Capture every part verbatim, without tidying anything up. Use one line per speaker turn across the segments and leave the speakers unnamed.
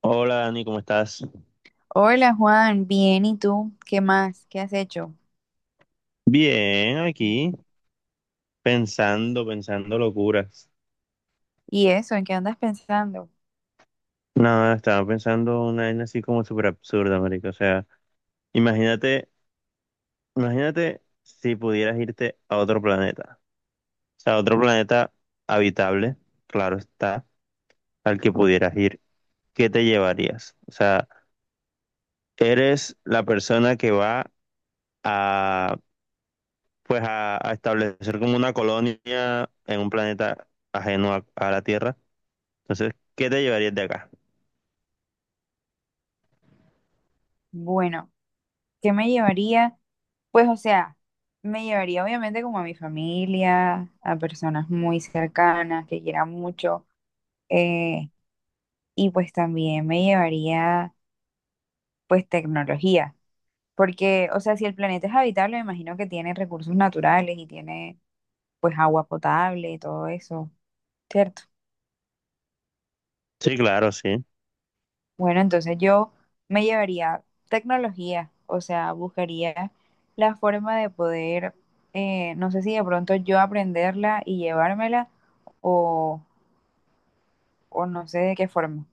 Hola Dani, ¿cómo estás?
Hola Juan, bien, ¿y tú? ¿Qué más? ¿Qué has hecho?
Bien, aquí pensando, pensando locuras.
¿Y eso? ¿En qué andas pensando?
Nada, estaba pensando una vaina así como súper absurda, marica. O sea, imagínate, imagínate si pudieras irte a otro planeta. O sea, a otro planeta habitable, claro está, al que pudieras ir. ¿Qué te llevarías? O sea, eres la persona que va a, pues a, a establecer como una colonia en un planeta ajeno a a la Tierra. Entonces, ¿qué te llevarías de acá?
Bueno, ¿qué me llevaría? Pues o sea, me llevaría obviamente como a mi familia, a personas muy cercanas que quieran mucho, eh, y pues también me llevaría pues tecnología, porque o sea, si el planeta es habitable, me imagino que tiene recursos naturales y tiene pues agua potable y todo eso, ¿cierto?
Sí, claro, sí.
Bueno, entonces yo me llevaría tecnología, o sea, buscaría la forma de poder, eh, no sé si de pronto yo aprenderla y llevármela o, o no sé de qué forma,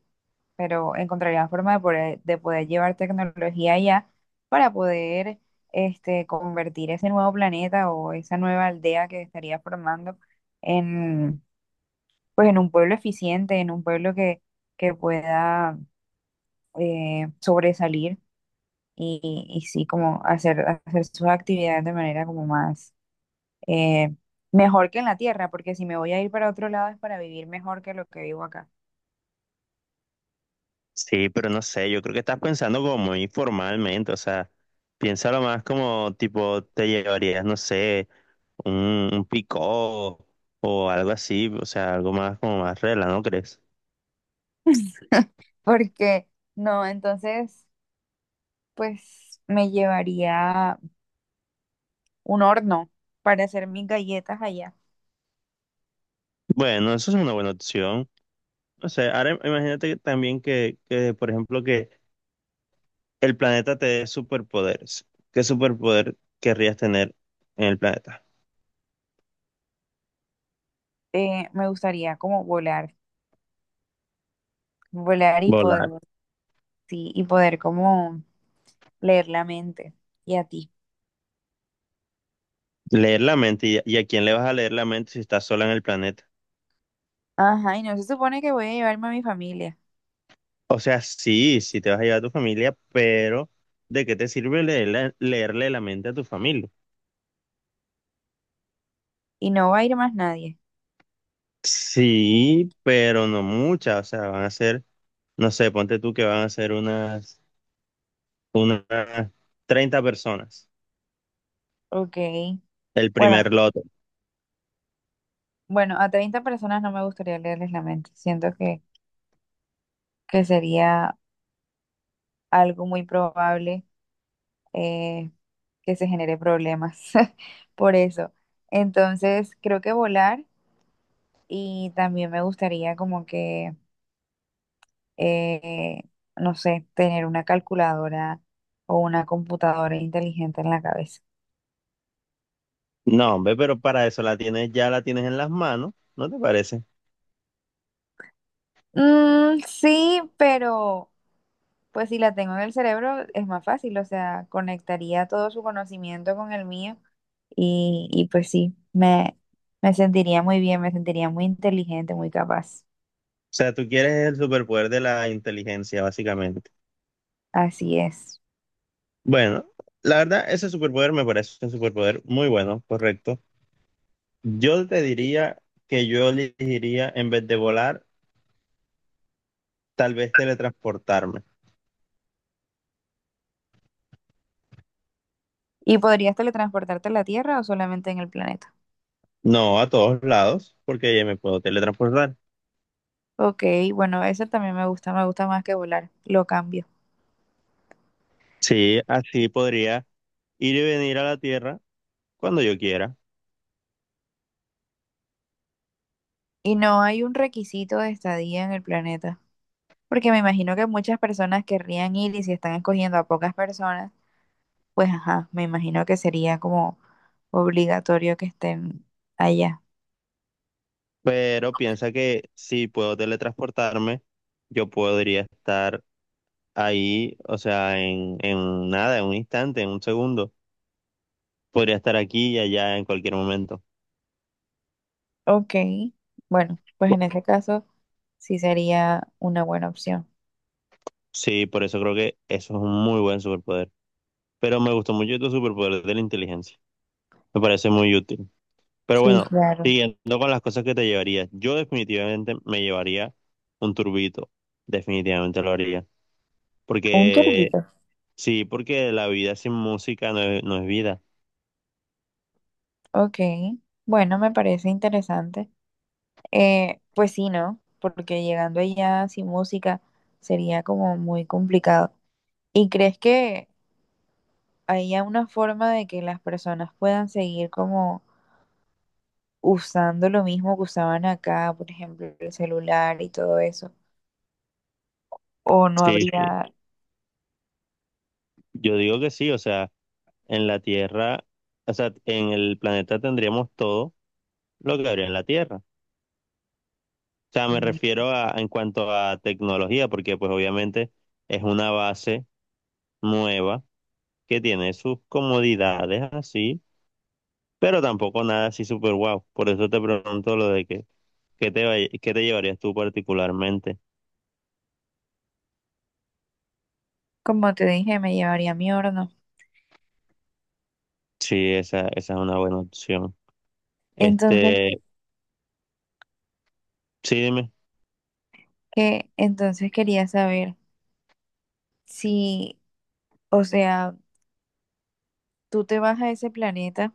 pero encontraría la forma de poder, de poder llevar tecnología allá para poder este, convertir ese nuevo planeta o esa nueva aldea que estaría formando en, pues, en un pueblo eficiente, en un pueblo que, que pueda eh, sobresalir y, y sí, como hacer, hacer sus actividades de manera como más eh, mejor que en la tierra, porque si me voy a ir para otro lado es para vivir mejor que lo que vivo acá.
Sí, pero no sé, yo creo que estás pensando como informalmente, o sea, piénsalo más como tipo te llevarías, no sé, un, un picó o algo así, o sea, algo más como más regla, ¿no crees?
Porque no, entonces, pues me llevaría un horno para hacer mis galletas allá.
Bueno, eso es una buena opción. O sea, ahora imagínate que también que, que, por ejemplo, que el planeta te dé superpoderes. ¿Qué superpoder querrías tener en el planeta?
Eh, me gustaría como volar, volar y poder,
Volar.
sí, y poder como leer la mente. Y a ti.
Leer la mente. ¿Y, a- y a quién le vas a leer la mente si estás sola en el planeta?
Ajá, y no se supone que voy a llevarme a mi familia.
O sea, sí, sí te vas a llevar a tu familia, pero ¿de qué te sirve leerle, leerle la mente a tu familia?
Y no va a ir más nadie.
Sí, pero no muchas, o sea, van a ser, no sé, ponte tú que van a ser unas, unas treinta personas,
Ok.
el
Bueno,
primer lote.
Bueno, a treinta personas no me gustaría leerles la mente. Siento que, que sería algo muy probable eh, que se genere problemas por eso. Entonces, creo que volar y también me gustaría como que, eh, no sé, tener una calculadora o una computadora inteligente en la cabeza.
No, hombre, pero para eso la tienes, ya la tienes en las manos, ¿no te parece? O
Mm, sí, pero pues si la tengo en el cerebro es más fácil, o sea, conectaría todo su conocimiento con el mío. Y, y pues sí, me, me sentiría muy bien, me sentiría muy inteligente, muy capaz.
sea, tú quieres el superpoder de la inteligencia, básicamente.
Así es.
Bueno, la verdad, ese superpoder me parece un superpoder muy bueno, correcto. Yo te diría que yo elegiría, en vez de volar, tal vez teletransportarme.
¿Y podrías teletransportarte a la Tierra o solamente en el planeta?
No a todos lados, porque ya me puedo teletransportar.
Ok, bueno, eso también me gusta, me gusta más que volar, lo cambio.
Sí, así podría ir y venir a la Tierra cuando yo quiera.
Y no hay un requisito de estadía en el planeta, porque me imagino que muchas personas querrían ir y si están escogiendo a pocas personas, pues ajá, me imagino que sería como obligatorio que estén allá.
Pero piensa que si puedo teletransportarme, yo podría estar ahí, o sea, en, en nada, en un instante, en un segundo. Podría estar aquí y allá en cualquier momento.
Ok, bueno, pues
Bu-
en ese caso... Sí, sería una buena opción.
Sí, por eso creo que eso es un muy buen superpoder. Pero me gustó mucho tu superpoder de la inteligencia. Me parece muy útil. Pero
Sí,
bueno,
claro.
siguiendo con las cosas que te llevarías, yo definitivamente me llevaría un turbito. Definitivamente lo haría.
Un
Porque,
turbito.
sí, porque la vida sin música no es, no es vida.
Ok. Bueno, me parece interesante. Eh, pues sí, ¿no? Porque llegando allá sin música sería como muy complicado. ¿Y crees que haya una forma de que las personas puedan seguir como usando lo mismo que usaban acá, por ejemplo, el celular y todo eso? ¿O no
Sí, sí.
habría,
Yo digo que sí, o sea, en la Tierra, o sea, en el planeta tendríamos todo lo que habría en la Tierra. O sea, me
mm,
refiero a, en cuanto a tecnología, porque pues obviamente es una base nueva que tiene sus comodidades así pero tampoco nada así súper guau. Por eso te pregunto lo de que, ¿qué te, va- qué te llevarías tú particularmente?
como te dije, me llevaría mi horno?
Sí, esa, esa es una buena opción.
Entonces,
Este, sí, dime.
¿qué? Entonces quería saber. Si, o sea, tú te vas a ese planeta,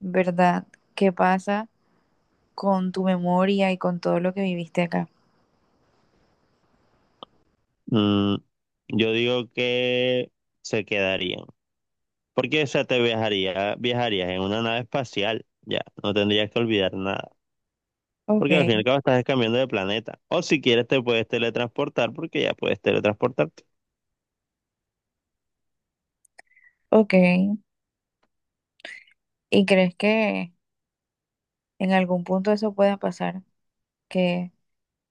¿verdad? ¿Qué pasa con tu memoria y con todo lo que viviste acá?
Mm, yo digo que se quedarían. Porque, o sea, te viajaría, viajarías en una nave espacial, ya, no tendrías que olvidar nada.
Ok,
Porque al fin y al cabo estás cambiando de planeta. O si quieres te puedes teletransportar, porque ya puedes teletransportarte.
ok. ¿Y crees que en algún punto eso pueda pasar? Que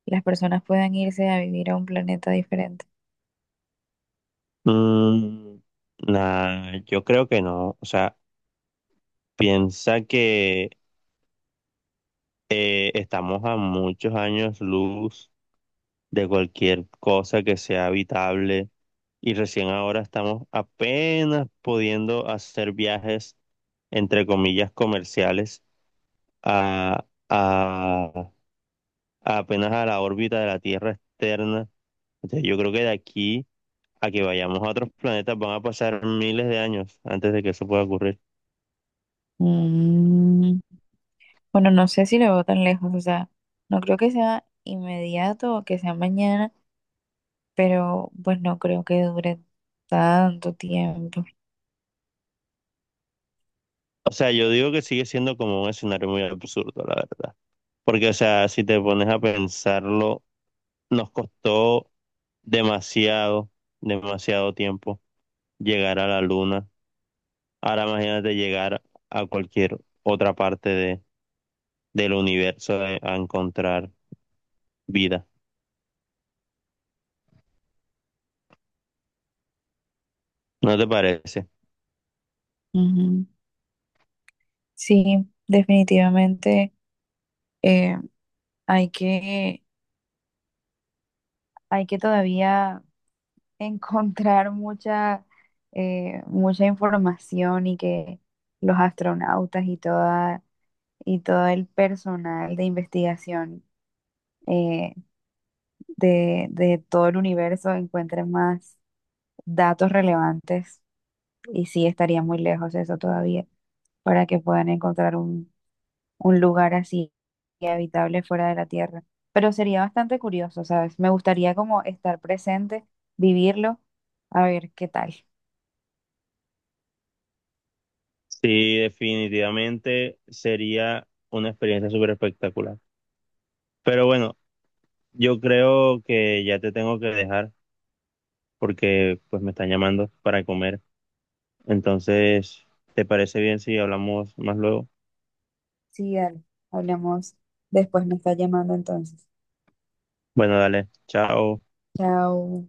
las personas puedan irse a vivir a un planeta diferente.
Mm, nah, yo creo que no. O sea, piensa que eh, estamos a muchos años luz de cualquier cosa que sea habitable y recién ahora estamos apenas pudiendo hacer viajes, entre comillas, comerciales a, a- a apenas a la órbita de la Tierra externa. Entonces yo creo que de aquí a que vayamos a otros planetas van a pasar miles de años antes de que eso pueda ocurrir.
Mm, bueno, no sé si lo veo tan lejos, o sea, no creo que sea inmediato o que sea mañana, pero pues no creo que dure tanto tiempo.
O sea, yo digo que sigue siendo como un escenario muy absurdo, la verdad. Porque, o sea, si te pones a pensarlo, nos costó demasiado, demasiado tiempo llegar a la luna. Ahora imagínate llegar a cualquier otra parte de, del universo de- a encontrar vida. ¿No te parece?
Ujú. Sí, definitivamente eh, hay que, hay que todavía encontrar mucha, eh, mucha información y que los astronautas y toda, y todo el personal de investigación, eh, de, de todo el universo encuentren más datos relevantes. Y sí, estaría muy lejos eso todavía para que puedan encontrar un lugar así habitable fuera de la Tierra. Pero sería bastante curioso, ¿sabes? Me gustaría como estar presente, vivirlo, a ver qué tal.
Sí, definitivamente sería una experiencia súper espectacular. Pero bueno, yo creo que ya te tengo que dejar porque pues me están llamando para comer. Entonces, ¿te parece bien si hablamos más luego?
Sí, dale, hablamos después, me está llamando entonces.
Bueno, dale, chao.
Chao.